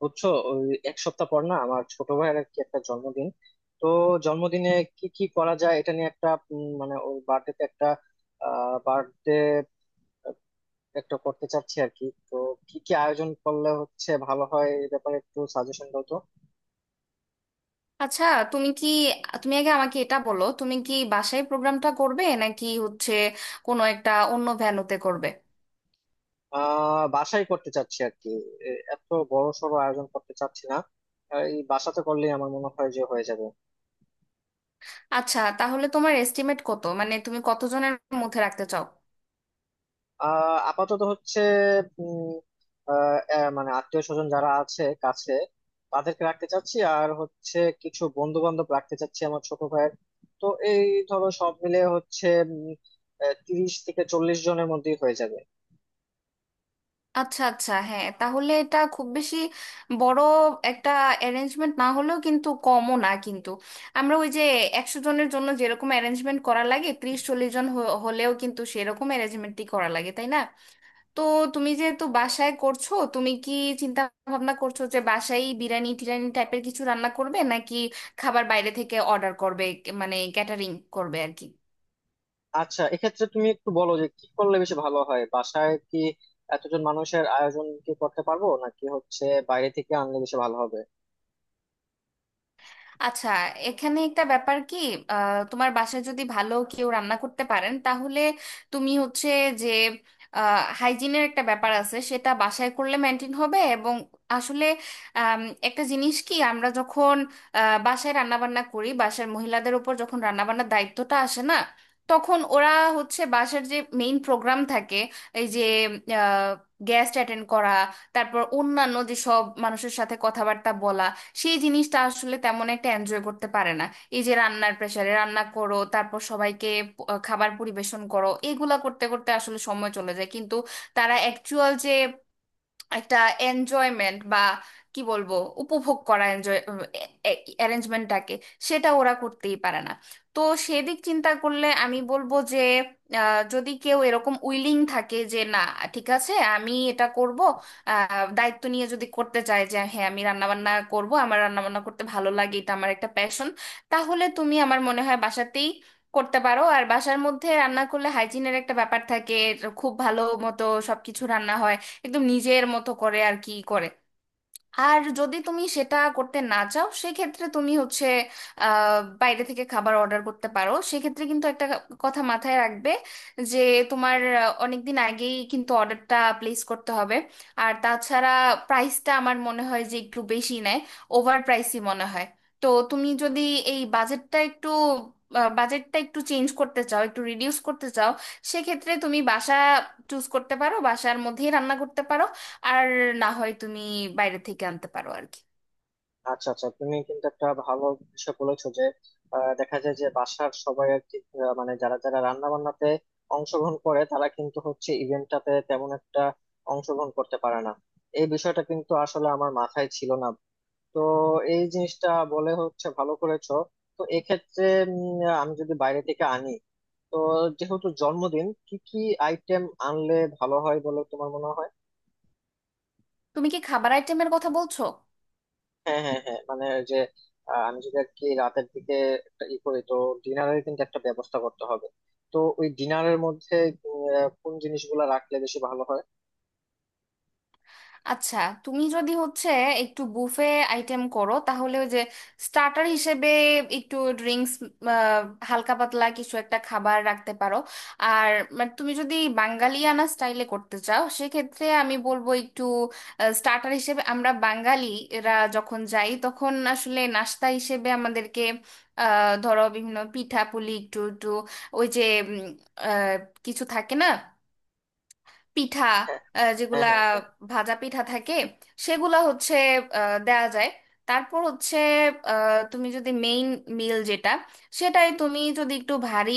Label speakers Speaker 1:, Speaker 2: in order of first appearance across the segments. Speaker 1: বুঝছো, ওই এক সপ্তাহ পর না আমার ছোট ভাইয়ের আর কি একটা জন্মদিন। তো জন্মদিনে কি কি করা যায় এটা নিয়ে একটা মানে ওর বার্থডেতে একটা বার্থডে একটা করতে চাচ্ছি আর কি। তো কি কি আয়োজন করলে হচ্ছে ভালো হয় এই ব্যাপারে একটু সাজেশন দাও তো।
Speaker 2: আচ্ছা তুমি কি তুমি আগে আমাকে এটা বলো, তুমি কি বাসায় প্রোগ্রামটা করবে নাকি হচ্ছে কোনো একটা অন্য ভেন্যুতে করবে?
Speaker 1: বাসায় করতে চাচ্ছি আর কি। এত বড় সড় আয়োজন করতে চাচ্ছি না। এই বাসাতে করলেই আমার মনে হয় যে হয়ে যাবে।
Speaker 2: আচ্ছা, তাহলে তোমার এস্টিমেট কত, মানে তুমি কতজনের মধ্যে রাখতে চাও?
Speaker 1: আপাতত হচ্ছে উম মানে আত্মীয় স্বজন যারা আছে কাছে তাদেরকে রাখতে চাচ্ছি, আর হচ্ছে কিছু বন্ধু বান্ধব রাখতে চাচ্ছি আমার ছোট ভাইয়ের। তো এই ধরো সব মিলে হচ্ছে উম, 30 থেকে 40 জনের মধ্যেই হয়ে যাবে।
Speaker 2: আচ্ছা আচ্ছা, হ্যাঁ, তাহলে এটা খুব বেশি বড় একটা অ্যারেঞ্জমেন্ট না হলেও কিন্তু কমও না কিন্তু। আমরা ওই যে 100 জনের জন্য যেরকম অ্যারেঞ্জমেন্ট করা লাগে, 30-40 জন হলেও কিন্তু সেরকম অ্যারেঞ্জমেন্টই করা লাগে, তাই না? তো তুমি যেহেতু বাসায় করছো, তুমি কি চিন্তা ভাবনা করছো যে বাসায় বিরিয়ানি টিরানি টাইপের কিছু রান্না করবে নাকি খাবার বাইরে থেকে অর্ডার করবে, মানে ক্যাটারিং করবে আর কি।
Speaker 1: আচ্ছা, এক্ষেত্রে তুমি একটু বলো যে কি করলে বেশি ভালো হয়। বাসায় কি এতজন মানুষের আয়োজন কি করতে পারবো, নাকি হচ্ছে বাইরে থেকে আনলে বেশি ভালো হবে?
Speaker 2: আচ্ছা, এখানে একটা ব্যাপার কি, তোমার বাসায় যদি ভালো কেউ রান্না করতে পারেন তাহলে তুমি হচ্ছে যে হাইজিনের একটা ব্যাপার আছে সেটা বাসায় করলে মেনটেন হবে, এবং আসলে আম, একটা জিনিস কি, আমরা যখন বাসায় রান্নাবান্না করি, বাসার মহিলাদের উপর যখন রান্নাবান্নার দায়িত্বটা আসে না, তখন ওরা হচ্ছে বাসার যে মেইন প্রোগ্রাম থাকে, এই যে গেস্ট অ্যাটেন্ড করা, তারপর অন্যান্য যেসব মানুষের সাথে কথাবার্তা বলা, সেই জিনিসটা আসলে তেমন একটা এনজয় করতে পারে না। এই যে রান্নার প্রেসারে রান্না করো, তারপর সবাইকে খাবার পরিবেশন করো, এগুলা করতে করতে আসলে সময় চলে যায় কিন্তু, তারা অ্যাকচুয়াল যে একটা এনজয়মেন্ট বা কি বলবো, উপভোগ করা, এনজয় অ্যারেঞ্জমেন্টটাকে, সেটা ওরা করতেই পারে না। তো সেদিক চিন্তা করলে আমি বলবো যে যদি কেউ এরকম উইলিং থাকে যে না, ঠিক আছে আমি এটা করব, দায়িত্ব নিয়ে যদি করতে চায় যে হ্যাঁ আমি রান্নাবান্না করব, আমার রান্নাবান্না করতে ভালো লাগে, এটা আমার একটা প্যাশন, তাহলে তুমি আমার মনে হয় বাসাতেই করতে পারো। আর বাসার মধ্যে রান্না করলে হাইজিনের একটা ব্যাপার থাকে, খুব ভালো মতো সবকিছু রান্না হয় একদম নিজের মতো করে আর কি করে। আর যদি তুমি সেটা করতে না চাও সেক্ষেত্রে তুমি হচ্ছে বাইরে থেকে খাবার অর্ডার করতে পারো, সেক্ষেত্রে কিন্তু একটা কথা মাথায় রাখবে যে তোমার অনেক দিন আগেই কিন্তু অর্ডারটা প্লেস করতে হবে। আর তাছাড়া প্রাইসটা আমার মনে হয় যে একটু বেশি নেয়, ওভার প্রাইসই মনে হয়। তো তুমি যদি এই বাজেটটা একটু চেঞ্জ করতে চাও, একটু রিডিউস করতে চাও, সেক্ষেত্রে তুমি বাসা চুজ করতে পারো, বাসার মধ্যেই রান্না করতে পারো। আর না হয় তুমি বাইরে থেকে আনতে পারো আর কি।
Speaker 1: আচ্ছা আচ্ছা, তুমি কিন্তু একটা ভালো বিষয় বলেছো যে দেখা যায় যে বাসার সবাই আর কি মানে যারা যারা রান্না বান্নাতে অংশগ্রহণ করে তারা কিন্তু হচ্ছে ইভেন্টটাতে তেমন একটা অংশগ্রহণ করতে পারে না। এই বিষয়টা কিন্তু আসলে আমার মাথায় ছিল না। তো এই জিনিসটা বলে হচ্ছে ভালো করেছো। তো এক্ষেত্রে আমি যদি বাইরে থেকে আনি, তো যেহেতু জন্মদিন, কি কি আইটেম আনলে ভালো হয় বলে তোমার মনে হয়?
Speaker 2: তুমি কি খাবার আইটেমের কথা বলছো?
Speaker 1: হ্যাঁ হ্যাঁ হ্যাঁ, মানে ওই যে আমি যদি আর কি রাতের দিকে একটা ই করি, তো ডিনারের কিন্তু একটা ব্যবস্থা করতে হবে। তো ওই ডিনারের মধ্যে কোন জিনিসগুলো রাখলে বেশি ভালো হয়?
Speaker 2: আচ্ছা, তুমি যদি হচ্ছে একটু বুফে আইটেম করো তাহলে ওই যে স্টার্টার হিসেবে একটু ড্রিঙ্কস, হালকা পাতলা কিছু একটা খাবার রাখতে পারো। আর মানে তুমি যদি বাঙালিয়ানা স্টাইলে করতে চাও সেক্ষেত্রে আমি বলবো একটু স্টার্টার হিসেবে, আমরা বাঙালিরা যখন যাই তখন আসলে নাস্তা হিসেবে আমাদেরকে ধরো বিভিন্ন পিঠা পুলি একটু একটু ওই যে উম, আহ, কিছু থাকে না, পিঠা,
Speaker 1: হ্যাঁ হ্যাঁ
Speaker 2: যেগুলা
Speaker 1: হ্যাঁ, হ্যাঁ।
Speaker 2: ভাজা পিঠা থাকে সেগুলা হচ্ছে দেয়া যায়। তারপর হচ্ছে তুমি যদি মেইন মিল যেটা, সেটাই তুমি যদি একটু ভারী,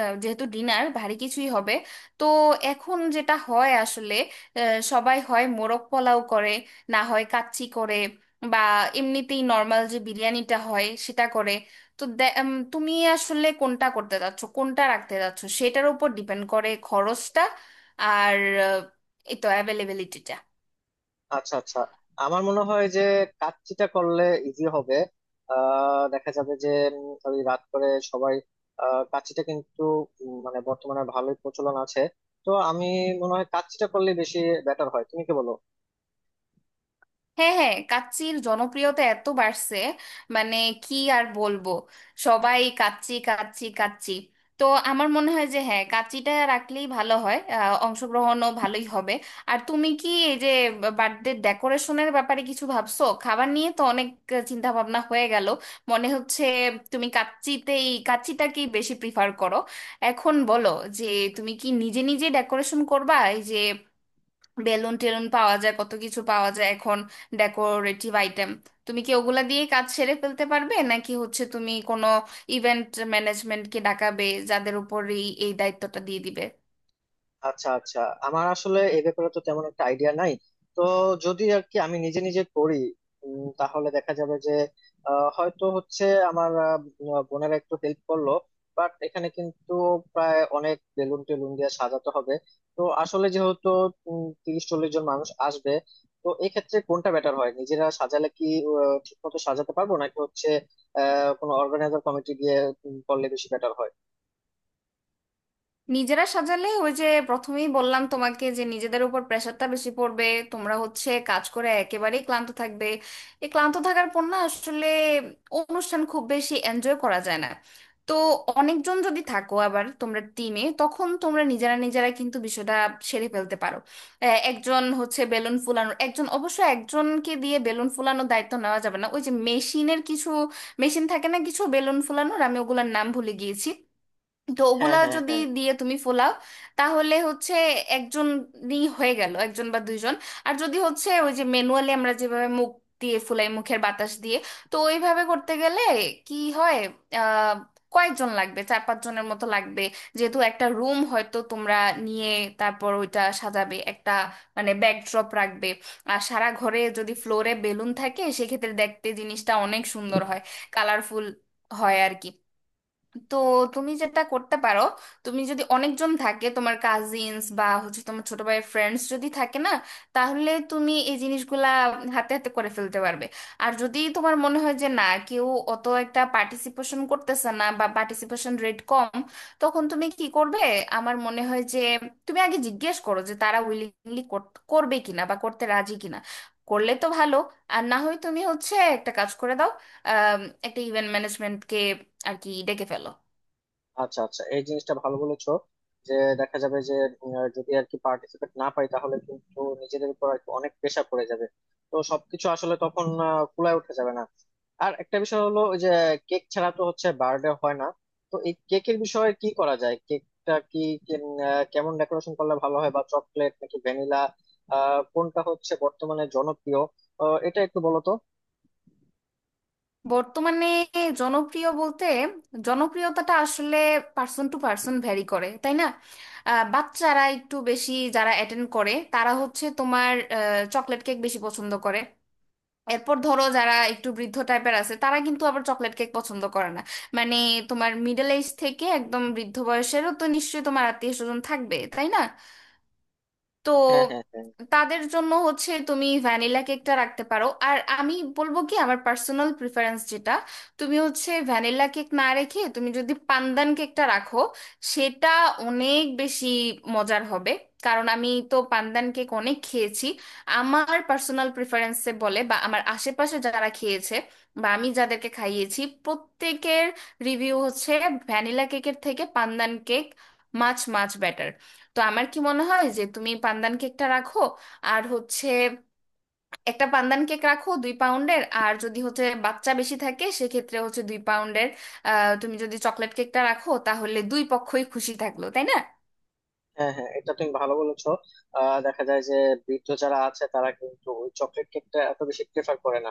Speaker 2: যেহেতু ডিনার ভারী কিছুই হবে, তো এখন যেটা হয় আসলে আহ, সবাই হয় মোরগ পোলাও করে, না হয় কাচ্চি করে, বা এমনিতেই নর্মাল যে বিরিয়ানিটা হয় সেটা করে। তো তুমি আসলে কোনটা করতে চাচ্ছ, কোনটা রাখতে চাচ্ছ, সেটার উপর ডিপেন্ড করে খরচটা আর আহ, এই তো অ্যাভেলেবিলিটিটা।
Speaker 1: আচ্ছা আচ্ছা, আমার মনে হয় যে কাচ্চিটা করলে ইজি হবে। দেখা যাবে যে ওই রাত করে সবাই কাচ্চিটা কিন্তু মানে বর্তমানে ভালোই প্রচলন আছে। তো আমি মনে হয় কাচ্চিটা করলে বেশি বেটার হয়। তুমি কি বলো?
Speaker 2: হ্যাঁ হ্যাঁ, কাচ্চির জনপ্রিয়তা এত বাড়ছে, মানে কি আর বলবো, সবাই কাচ্চি কাচ্চি কাচ্চি। তো আমার মনে হয় যে হ্যাঁ কাচ্চিটা রাখলেই ভালো হয়, অংশগ্রহণও ভালোই হবে। আর তুমি কি এই যে বার্থডে ডেকোরেশনের ব্যাপারে কিছু ভাবছো? খাবার নিয়ে তো অনেক চিন্তা ভাবনা হয়ে গেল, মনে হচ্ছে তুমি কাচ্চিতেই কাচ্চিটাকেই বেশি প্রিফার করো। এখন বলো যে তুমি কি নিজে নিজে ডেকোরেশন করবা? এই যে বেলুন টেলুন পাওয়া যায়, কত কিছু পাওয়া যায় এখন, ডেকোরেটিভ আইটেম, তুমি কি ওগুলা দিয়ে কাজ সেরে ফেলতে পারবে নাকি হচ্ছে তুমি কোনো ইভেন্ট ম্যানেজমেন্টকে ডাকাবে যাদের উপর এই এই দায়িত্বটা দিয়ে দিবে?
Speaker 1: আচ্ছা আচ্ছা, আমার আসলে এই ব্যাপারে তো তেমন একটা আইডিয়া নাই। তো যদি আর কি আমি নিজে নিজে করি, তাহলে দেখা যাবে যে হয়তো হচ্ছে আমার বোনেরা একটু হেল্প করলো। বাট এখানে কিন্তু প্রায় অনেক বেলুন টেলুন দিয়ে সাজাতে হবে। তো আসলে যেহেতু 30-40 জন মানুষ আসবে, তো এক্ষেত্রে কোনটা বেটার হয়? নিজেরা সাজালে কি ঠিক মতো সাজাতে পারবো, নাকি হচ্ছে কোনো অর্গানাইজার কমিটি দিয়ে করলে বেশি বেটার হয়?
Speaker 2: নিজেরা সাজালে ওই যে প্রথমেই বললাম তোমাকে যে নিজেদের উপর প্রেশারটা বেশি পড়বে, তোমরা হচ্ছে কাজ করে একেবারেই ক্লান্ত থাকবে। এই ক্লান্ত থাকার পর না আসলে অনুষ্ঠান খুব বেশি এনজয় করা যায় না। তো অনেকজন যদি থাকো আবার তোমরা টিমে, তখন তোমরা নিজেরা নিজেরা কিন্তু বিষয়টা সেরে ফেলতে পারো। একজন হচ্ছে বেলুন ফুলানোর, একজন অবশ্য একজনকে দিয়ে বেলুন ফুলানোর দায়িত্ব নেওয়া যাবে না, ওই যে মেশিনের কিছু মেশিন থাকে না কিছু বেলুন ফুলানোর, আমি ওগুলোর নাম ভুলে গিয়েছি, তো
Speaker 1: হ্যাঁ
Speaker 2: ওগুলা
Speaker 1: হ্যাঁ
Speaker 2: যদি
Speaker 1: হ্যাঁ।
Speaker 2: দিয়ে তুমি ফোলাও তাহলে হচ্ছে একজনই হয়ে গেল, একজন বা দুইজন। আর যদি হচ্ছে ওই যে ম্যানুয়ালি আমরা যেভাবে মুখ দিয়ে ফুলাই, মুখের বাতাস দিয়ে, তো ওইভাবে করতে গেলে কি হয়, আহ কয়েকজন লাগবে, 4-5 জনের মতো লাগবে। যেহেতু একটা রুম হয়তো তোমরা নিয়ে তারপর ওইটা সাজাবে, একটা মানে ব্যাকড্রপ রাখবে, আর সারা ঘরে যদি ফ্লোরে বেলুন থাকে সেক্ষেত্রে দেখতে জিনিসটা অনেক সুন্দর হয়, কালারফুল হয় আর কি। তো তুমি যেটা করতে পারো, তুমি যদি অনেকজন থাকে তোমার কাজিনস বা হচ্ছে তোমার ছোট ভাইয়ের ফ্রেন্ডস যদি থাকে না, তাহলে তুমি এই জিনিসগুলা হাতে হাতে করে ফেলতে পারবে। আর যদি তোমার মনে হয় যে না, কেউ অত একটা পার্টিসিপেশন করতেছে না বা পার্টিসিপেশন রেট কম, তখন তুমি কি করবে? আমার মনে হয় যে তুমি আগে জিজ্ঞেস করো যে তারা উইলিংলি করবে কিনা বা করতে রাজি কিনা, করলে তো ভালো। আর না হয় তুমি হচ্ছে একটা কাজ করে দাও, আম, একটা ইভেন্ট ম্যানেজমেন্টকে আর কি ডেকে ফেলো।
Speaker 1: আচ্ছা আচ্ছা, এই জিনিসটা ভালো বলেছো যে দেখা যাবে যে যদি আর কি পার্টিসিপেট না পাই, তাহলে কিন্তু নিজেদের উপর আর কি অনেক প্রেশার পড়ে যাবে। তো সবকিছু আসলে তখন ফুলায় উঠে যাবে না। আর একটা বিষয় হলো, ওই যে কেক ছাড়া তো হচ্ছে বার্থডে হয় না। তো এই কেকের বিষয়ে কি করা যায়? কেকটা কি কেমন ডেকোরেশন করলে ভালো হয়? বা চকলেট নাকি ভ্যানিলা, কোনটা হচ্ছে বর্তমানে জনপ্রিয়? এটা একটু বলো তো।
Speaker 2: বর্তমানে জনপ্রিয় বলতে জনপ্রিয়তাটা আসলে পার্সন টু পার্সন ভ্যারি করে, তাই না? বাচ্চারা একটু বেশি যারা অ্যাটেন্ড করে, তারা হচ্ছে তোমার চকলেট কেক বেশি পছন্দ করে। এরপর ধরো যারা একটু বৃদ্ধ টাইপের আছে তারা কিন্তু আবার চকলেট কেক পছন্দ করে না, মানে তোমার মিডল এজ থেকে একদম বৃদ্ধ বয়সেরও তো নিশ্চয়ই তোমার আত্মীয় স্বজন থাকবে, তাই না? তো
Speaker 1: হ্যাঁ হ্যাঁ হ্যাঁ,
Speaker 2: তাদের জন্য হচ্ছে তুমি ভ্যানিলা কেকটা রাখতে পারো। আর আমি বলবো কি, আমার পার্সোনাল প্রিফারেন্স যেটা, তুমি হচ্ছে ভ্যানিলা কেক না রেখে তুমি যদি পান্দান কেকটা রাখো সেটা অনেক বেশি মজার হবে, কারণ আমি তো পান্দান কেক অনেক খেয়েছি, আমার পার্সোনাল প্রিফারেন্সে বলে, বা আমার আশেপাশে যারা খেয়েছে বা আমি যাদেরকে খাইয়েছি প্রত্যেকের রিভিউ হচ্ছে ভ্যানিলা কেকের থেকে pandan cake much much better. তো আমার কি মনে হয় যে তুমি পান্দান কেকটা রাখো, আর হচ্ছে একটা পান্দান কেক রাখো 2 পাউন্ডের, আর যদি হচ্ছে বাচ্চা বেশি থাকে সেক্ষেত্রে হচ্ছে 2 পাউন্ডের তুমি যদি চকলেট কেকটা রাখো, তাহলে দুই পক্ষই খুশি থাকলো, তাই না?
Speaker 1: হ্যাঁ হ্যাঁ, এটা তুমি ভালো বলেছো। দেখা যায় যে বৃদ্ধ যারা আছে তারা কিন্তু ওই চকলেট কেকটা এত বেশি প্রেফার করে না।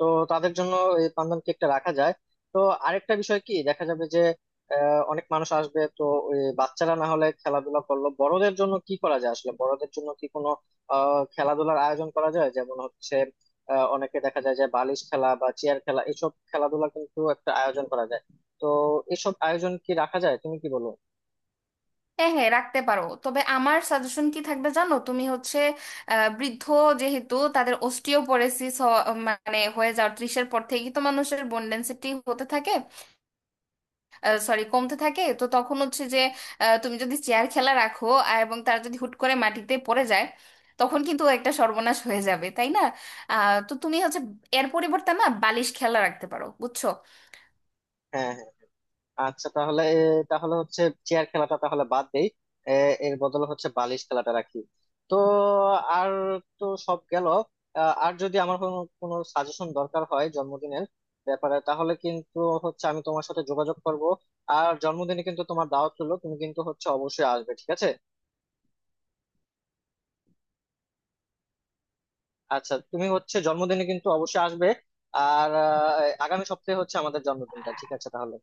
Speaker 1: তো তাদের জন্য এই পান্দান কেকটা রাখা যায়। তো আরেকটা বিষয় কি, দেখা যাবে যে অনেক মানুষ আসবে তো। ওই বাচ্চারা না হলে খেলাধুলা করলো, বড়দের জন্য কি করা যায়? আসলে বড়দের জন্য কি কোনো খেলাধুলার আয়োজন করা যায়? যেমন হচ্ছে অনেকে দেখা যায় যে বালিশ খেলা বা চেয়ার খেলা এসব খেলাধুলা কিন্তু একটা আয়োজন করা যায়। তো এসব আয়োজন কি রাখা যায়? তুমি কি বলো?
Speaker 2: হ্যাঁ হ্যাঁ রাখতে পারো, তবে আমার সাজেশন কি থাকবে জানো, তুমি হচ্ছে বৃদ্ধ, যেহেতু তাদের অস্টিওপোরোসিস মানে হয়ে যাওয়ার, 30-এর পর থেকেই তো মানুষের বোন ডেন্সিটি হতে থাকে, সরি কমতে থাকে, তো তখন হচ্ছে যে তুমি যদি চেয়ার খেলা রাখো আর এবং তারা যদি হুট করে মাটিতে পড়ে যায় তখন কিন্তু একটা সর্বনাশ হয়ে যাবে, তাই না? তো তুমি হচ্ছে এর পরিবর্তে না বালিশ খেলা রাখতে পারো, বুঝছো।
Speaker 1: হ্যাঁ হ্যাঁ, আচ্ছা, তাহলে তাহলে হচ্ছে চেয়ার খেলাটা তাহলে বাদ দেই। এ, এর বদলে হচ্ছে বালিশ খেলাটা রাখি। তো আর, তো সব গেল। আর যদি আমার কোনো কোনো সাজেশন দরকার হয় জন্মদিনের ব্যাপারে, তাহলে কিন্তু হচ্ছে আমি তোমার সাথে যোগাযোগ করব। আর জন্মদিনে কিন্তু তোমার দাওয়াত হলো, তুমি কিন্তু হচ্ছে অবশ্যই আসবে, ঠিক আছে? আচ্ছা, তুমি হচ্ছে জন্মদিনে কিন্তু অবশ্যই আসবে। আর আগামী সপ্তাহে হচ্ছে আমাদের জন্মদিনটা। ঠিক আছে তাহলে।